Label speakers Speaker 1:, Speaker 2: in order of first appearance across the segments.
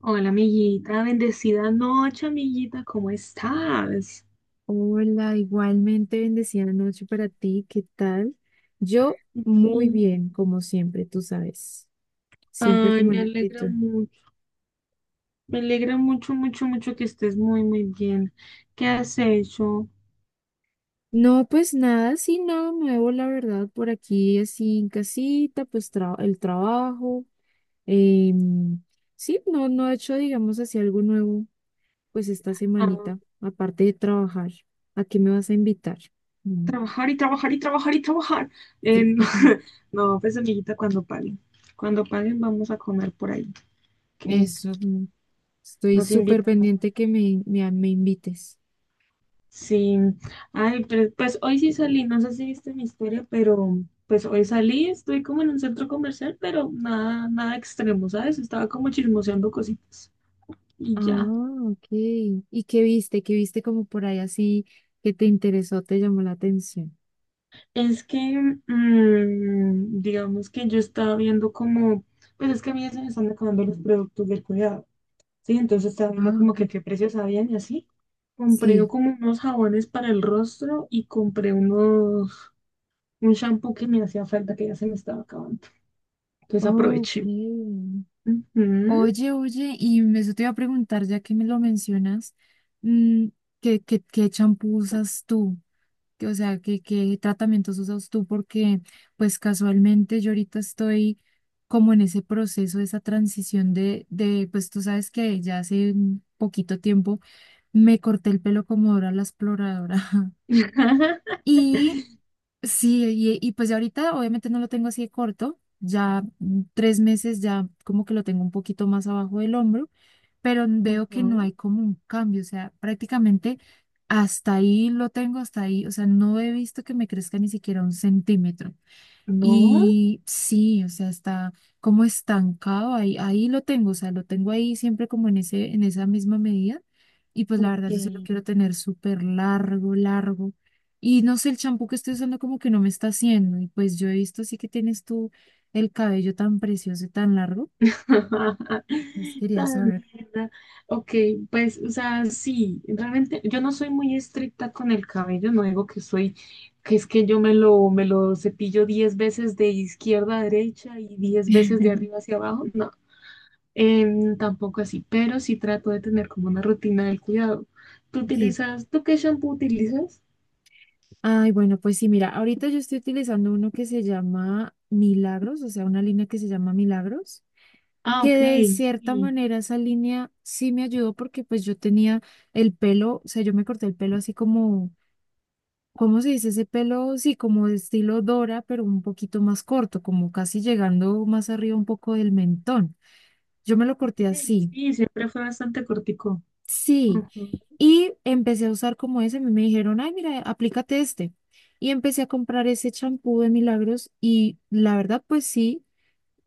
Speaker 1: Hola, amiguita, bendecida noche, amiguita, ¿cómo estás?
Speaker 2: Hola, igualmente bendecida noche para ti, ¿qué tal? Yo muy
Speaker 1: Bien.
Speaker 2: bien, como siempre, tú sabes, siempre
Speaker 1: Ay,
Speaker 2: como en actitud.
Speaker 1: me alegra mucho, mucho, mucho que estés muy, muy bien. ¿Qué has hecho?
Speaker 2: No, pues nada, sí, nada nuevo, la verdad, por aquí así en casita, pues el trabajo. em, sí, no, no he hecho, digamos, así algo nuevo, pues esta
Speaker 1: Ah,
Speaker 2: semanita, aparte de trabajar. ¿A qué me vas a invitar? Mm,
Speaker 1: trabajar y trabajar y trabajar y trabajar. Eh,
Speaker 2: sí,
Speaker 1: no, no, pues, amiguita, cuando paguen vamos a comer por ahí, que
Speaker 2: eso, estoy
Speaker 1: nos
Speaker 2: súper
Speaker 1: invitan.
Speaker 2: pendiente que me invites.
Speaker 1: Sí, ay, pero, pues hoy sí salí, no sé si viste mi historia, pero pues hoy salí, estoy como en un centro comercial, pero nada, nada extremo, ¿sabes? Estaba como chismoseando cositas y ya.
Speaker 2: Ah, ok. ¿Y qué viste? ¿Qué viste como por ahí así que te interesó, te llamó la atención?
Speaker 1: Es que, digamos que yo estaba viendo como, pues es que a mí ya se me están acabando los productos del cuidado, ¿sí? Entonces estaba viendo
Speaker 2: Ah,
Speaker 1: como
Speaker 2: ok.
Speaker 1: que qué precios habían y así. Compré
Speaker 2: Sí.
Speaker 1: como unos jabones para el rostro y compré unos, un shampoo que me hacía falta que ya se me estaba acabando. Entonces
Speaker 2: Ok.
Speaker 1: aproveché. Ujú.
Speaker 2: Oye, oye, y eso te iba a preguntar, ya que me lo mencionas, mm, ¿qué champú usas tú? O sea, ¿qué tratamientos usas tú? Porque, pues casualmente yo ahorita estoy como en ese proceso, esa transición de, pues tú sabes que ya hace un poquito tiempo. Me corté el pelo como Dora la exploradora. Y sí, y pues ya ahorita obviamente no lo tengo así de corto, ya 3 meses ya como que lo tengo un poquito más abajo del hombro, pero veo que no
Speaker 1: Ujú.
Speaker 2: hay como un cambio, o sea, prácticamente hasta ahí lo tengo, hasta ahí, o sea, no he visto que me crezca ni siquiera 1 centímetro.
Speaker 1: No,
Speaker 2: Y sí, o sea, está como estancado ahí, ahí lo tengo, o sea, lo tengo ahí siempre como en ese, en esa misma medida. Y pues la verdad,
Speaker 1: ok.
Speaker 2: yo se lo quiero tener súper largo, largo. Y no sé, el champú que estoy usando como que no me está haciendo. Y pues yo he visto así que tienes tú el cabello tan precioso y tan largo. Pues quería
Speaker 1: Tal
Speaker 2: saber.
Speaker 1: vez, ¿verdad? Ok, pues, o sea, sí, realmente yo no soy muy estricta con el cabello, no digo que soy, que es que yo me lo cepillo 10 veces de izquierda a derecha y 10 veces de arriba hacia abajo, no, tampoco así, pero sí trato de tener como una rutina del cuidado. ¿Tú
Speaker 2: Sí.
Speaker 1: utilizas, tú qué shampoo utilizas?
Speaker 2: Ay, bueno, pues sí, mira, ahorita yo estoy utilizando uno que se llama Milagros, o sea, una línea que se llama Milagros,
Speaker 1: Ah,
Speaker 2: que
Speaker 1: ok,
Speaker 2: de cierta
Speaker 1: sí.
Speaker 2: manera esa línea sí me ayudó porque pues yo tenía el pelo, o sea, yo me corté el pelo así como, ¿cómo se dice ese pelo? Sí, como de estilo Dora, pero un poquito más corto, como casi llegando más arriba un poco del mentón. Yo me lo corté
Speaker 1: Sí,
Speaker 2: así,
Speaker 1: sí, siempre fue bastante cortico.
Speaker 2: sí,
Speaker 1: Ujú.
Speaker 2: y empecé a usar como ese, a mí me dijeron, ay, mira, aplícate este. Y empecé a comprar ese champú de Milagros y la verdad, pues sí.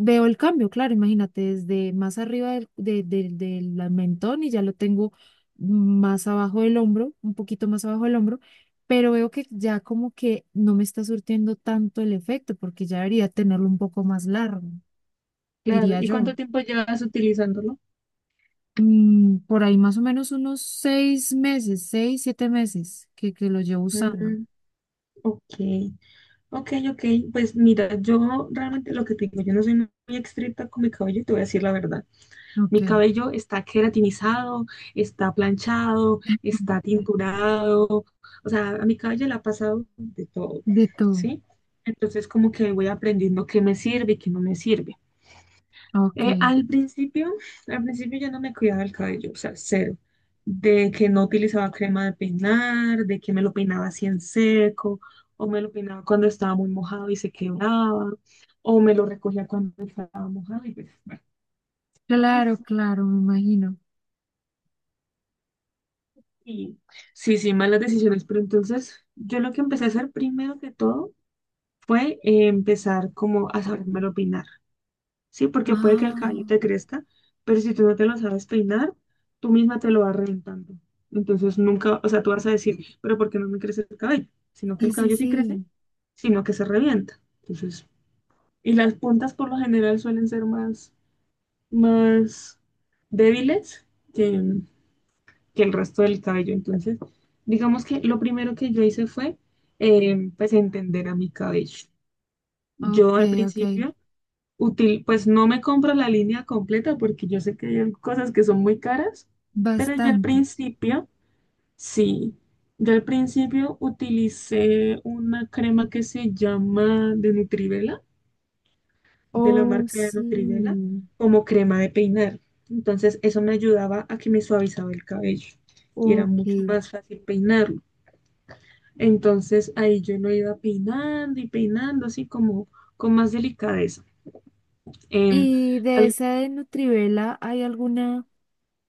Speaker 2: Veo el cambio, claro, imagínate, desde más arriba del mentón y ya lo tengo más abajo del hombro, un poquito más abajo del hombro, pero veo que ya como que no me está surtiendo tanto el efecto porque ya debería tenerlo un poco más largo,
Speaker 1: Claro.
Speaker 2: diría
Speaker 1: ¿Y
Speaker 2: yo.
Speaker 1: cuánto tiempo llevas utilizándolo?
Speaker 2: Por ahí más o menos unos 6 meses, 6, 7 meses que lo llevo usando.
Speaker 1: Mm, ok, ok, ok. Pues mira, yo realmente lo que te digo, yo no soy muy estricta con mi cabello, y te voy a decir la verdad.
Speaker 2: Ok,
Speaker 1: Mi cabello está queratinizado, está planchado, está tinturado. O sea, a mi cabello le ha pasado de todo,
Speaker 2: de todo.
Speaker 1: ¿sí? Entonces, como que voy aprendiendo qué me sirve y qué no me sirve.
Speaker 2: Ok,
Speaker 1: Eh, al principio, al principio yo no me cuidaba el cabello, o sea, cero. De que no utilizaba crema de peinar, de que me lo peinaba así en seco, o me lo peinaba cuando estaba muy mojado y se quebraba, o me lo recogía cuando estaba mojado y pues, bueno, malas.
Speaker 2: claro, claro, me imagino.
Speaker 1: Y, sí, sí, malas decisiones. Pero entonces, yo lo que empecé a hacer primero que todo fue empezar como a sabérmelo peinar. Sí, porque puede que el cabello
Speaker 2: Ah,
Speaker 1: te crezca, pero si tú no te lo sabes peinar, tú misma te lo vas reventando. Entonces nunca, o sea, tú vas a decir, pero ¿por qué no me crece el cabello? Sino que el
Speaker 2: sí, sí,
Speaker 1: cabello sí crece,
Speaker 2: sí.
Speaker 1: sino que se revienta. Entonces, y las puntas por lo general suelen ser más, más débiles que, que el resto del cabello. Entonces, digamos que lo primero que yo hice fue, pues, entender a mi cabello. Yo
Speaker 2: Ok,
Speaker 1: al
Speaker 2: ok.
Speaker 1: principio Útil, pues no me compro la línea completa porque yo sé que hay cosas que son muy caras, pero yo al
Speaker 2: Bastante.
Speaker 1: principio, sí, yo al principio utilicé una crema que se llama de Nutrivela, de la
Speaker 2: Oh,
Speaker 1: marca de Nutrivela,
Speaker 2: sí.
Speaker 1: como crema de peinar. Entonces eso me ayudaba a que me suavizaba el cabello y era
Speaker 2: Ok.
Speaker 1: mucho más fácil peinarlo. Entonces ahí yo lo iba peinando y peinando así como con más delicadeza. Em,
Speaker 2: ¿Y de
Speaker 1: al-
Speaker 2: esa de Nutrivela hay alguna,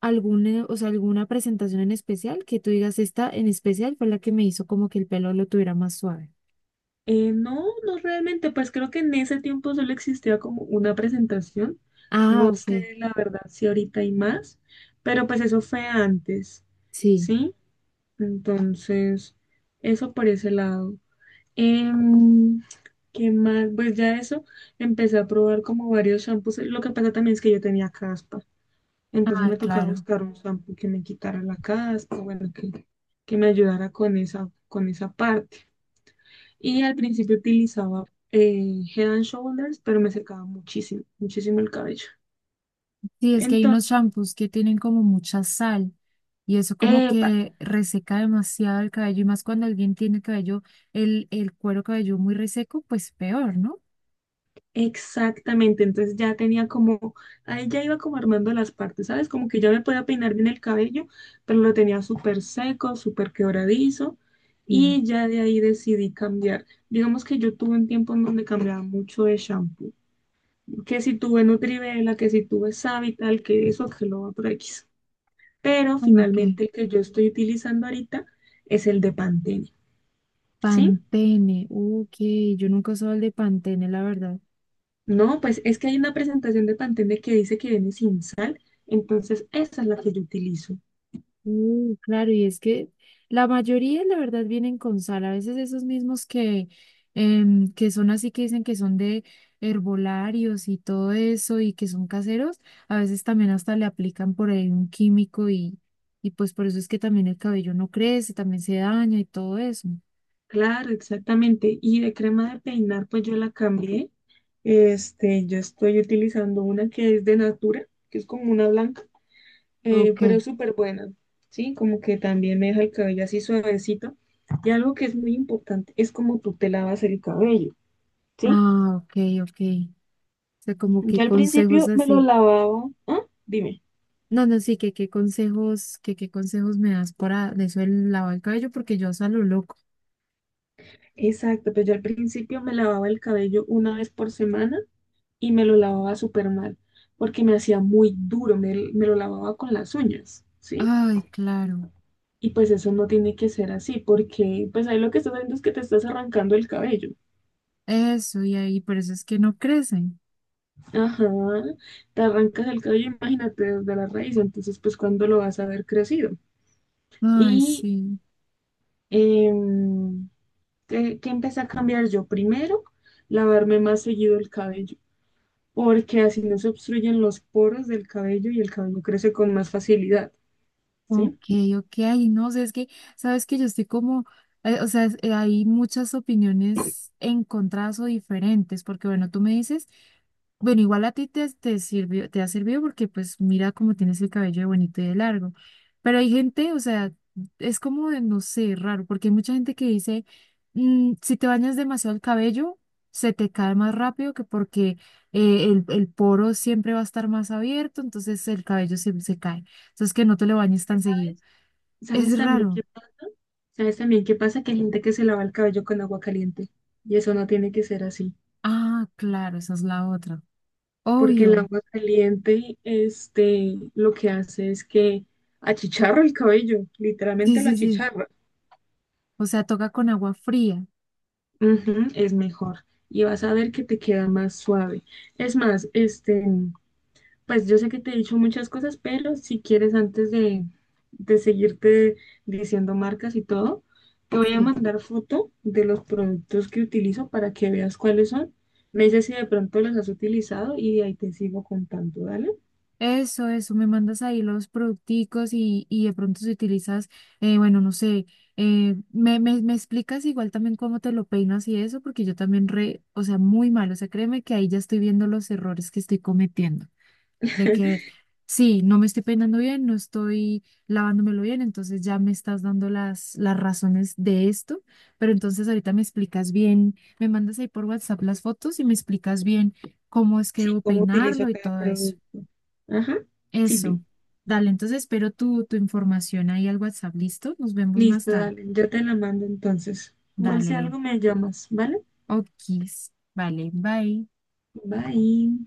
Speaker 2: alguna, o sea, alguna presentación en especial que tú digas esta en especial fue la que me hizo como que el pelo lo tuviera más suave?
Speaker 1: No, no realmente, pues creo que en ese tiempo solo existía como una presentación.
Speaker 2: Ah,
Speaker 1: No
Speaker 2: ok.
Speaker 1: sé la verdad si ahorita hay más, pero pues eso fue antes,
Speaker 2: Sí.
Speaker 1: ¿sí? Entonces, eso por ese lado. Em, ¿Qué más? Pues ya eso, empecé a probar como varios shampoos. Lo que pasa también es que yo tenía caspa, entonces
Speaker 2: Ah,
Speaker 1: me tocaba
Speaker 2: claro.
Speaker 1: buscar un shampoo que me quitara la caspa, bueno, que me ayudara con esa parte. Y al principio utilizaba Head and Shoulders, pero me secaba muchísimo, muchísimo el cabello.
Speaker 2: Sí, es que hay unos
Speaker 1: Entonces,
Speaker 2: shampoos que tienen como mucha sal y eso como
Speaker 1: epa,
Speaker 2: que reseca demasiado el cabello y más cuando alguien tiene cabello, el cuero cabelludo muy reseco, pues peor, ¿no?
Speaker 1: exactamente. Entonces ya tenía como, ahí ya iba como armando las partes, ¿sabes? Como que ya me podía peinar bien el cabello, pero lo tenía súper seco, súper quebradizo.
Speaker 2: Sí.
Speaker 1: Y ya de ahí decidí cambiar. Digamos que yo tuve un tiempo en donde cambiaba mucho de shampoo. Que si tuve Nutrivela, que si tuve Savital, que eso, que lo otro X. Pero
Speaker 2: Ah, ok.
Speaker 1: finalmente el que yo estoy utilizando ahorita es el de Pantene, ¿sí?
Speaker 2: Pantene, ok, yo nunca he usado el de Pantene, la verdad.
Speaker 1: No, pues es que hay una presentación de Pantene que dice que viene sin sal, entonces esa es la que yo utilizo.
Speaker 2: Claro, y es que la mayoría, la verdad, vienen con sal. A veces esos mismos que son así que dicen que son de herbolarios y todo eso y que son caseros, a veces también hasta le aplican por ahí un químico y pues por eso es que también el cabello no crece, también se daña y todo eso.
Speaker 1: Claro, exactamente. Y de crema de peinar, pues yo la cambié. Este, yo estoy utilizando una que es de Natura, que es como una blanca,
Speaker 2: Ok,
Speaker 1: pero es súper buena, ¿sí? Como que también me deja el cabello así suavecito. Y algo que es muy importante es como tú te lavas el cabello, ¿sí?
Speaker 2: ah, ok, ok. O sea, como que
Speaker 1: Yo al
Speaker 2: consejos
Speaker 1: principio me lo
Speaker 2: así.
Speaker 1: lavaba. ¿Ah? Dime.
Speaker 2: No, no, sí, que qué consejos me das para de eso el lavado del cabello, porque yo salgo loco.
Speaker 1: Exacto, pues yo al principio me lavaba el cabello una vez por semana y me lo lavaba súper mal, porque me hacía muy duro, me lo lavaba con las uñas, ¿sí?
Speaker 2: Ay, claro,
Speaker 1: Y pues eso no tiene que ser así, porque pues ahí lo que estás haciendo es que te estás arrancando el cabello.
Speaker 2: eso y ahí, por eso es que no crecen.
Speaker 1: Ajá, te arrancas el cabello, imagínate, desde la raíz, entonces pues cuándo lo vas a ver crecido.
Speaker 2: Ay,
Speaker 1: Y
Speaker 2: sí.
Speaker 1: em, ¿qué, qué empecé a cambiar yo? Primero, lavarme más seguido el cabello. Porque así no se obstruyen los poros del cabello y el cabello crece con más facilidad,
Speaker 2: Ok,
Speaker 1: ¿sí?
Speaker 2: ok, ay, no, o sea, es que, sabes que yo estoy como, o sea, hay muchas opiniones encontradas o diferentes, porque bueno, tú me dices, bueno, igual a ti te sirvió, te ha servido porque pues mira cómo tienes el cabello de bonito y de largo, pero hay gente, o sea, es como, de, no sé, raro, porque hay mucha gente que dice, "Mm, si te bañas demasiado el cabello, se te cae más rápido que porque el poro siempre va a estar más abierto, entonces el cabello se cae. Entonces, que no te lo bañes tan seguido.
Speaker 1: ¿Sabes? ¿Sabes
Speaker 2: Es
Speaker 1: también qué
Speaker 2: raro.
Speaker 1: pasa? ¿Sabes también qué pasa? Que hay gente que se lava el cabello con agua caliente y eso no tiene que ser así,
Speaker 2: Ah, claro, esa es la otra.
Speaker 1: porque el
Speaker 2: Obvio.
Speaker 1: agua caliente, este, lo que hace es que achicharra el cabello,
Speaker 2: Sí,
Speaker 1: literalmente lo
Speaker 2: sí, sí.
Speaker 1: achicharra.
Speaker 2: O sea, toca con agua fría.
Speaker 1: Ujú, es mejor y vas a ver que te queda más suave. Es más, este, pues yo sé que te he dicho muchas cosas, pero si quieres, antes de seguirte diciendo marcas y todo, te voy a
Speaker 2: Sí.
Speaker 1: mandar foto de los productos que utilizo para que veas cuáles son. Me dices si de pronto los has utilizado y de ahí te sigo contando, ¿dale?
Speaker 2: Eso, eso. Me mandas ahí los producticos y de pronto si utilizas, bueno, no sé, me explicas igual también cómo te lo peinas y eso, porque yo también o sea, muy mal. O sea, créeme que ahí ya estoy viendo los errores que estoy cometiendo. De que sí, no me estoy peinando bien, no estoy lavándomelo bien, entonces ya me estás dando las razones de esto, pero entonces ahorita me explicas bien, me mandas ahí por WhatsApp las fotos y me explicas bien cómo es que
Speaker 1: Sí,
Speaker 2: debo
Speaker 1: cómo utilizo
Speaker 2: peinarlo y
Speaker 1: cada
Speaker 2: todo eso.
Speaker 1: producto. Ajá, sí,
Speaker 2: Eso.
Speaker 1: vi.
Speaker 2: Dale, entonces espero tu información ahí al WhatsApp, ¿listo? Nos vemos más
Speaker 1: Listo,
Speaker 2: tarde.
Speaker 1: dale. Yo te la mando entonces. Igual si
Speaker 2: Dale,
Speaker 1: algo me llamas, ¿vale?
Speaker 2: okis. Vale, bye.
Speaker 1: Bye.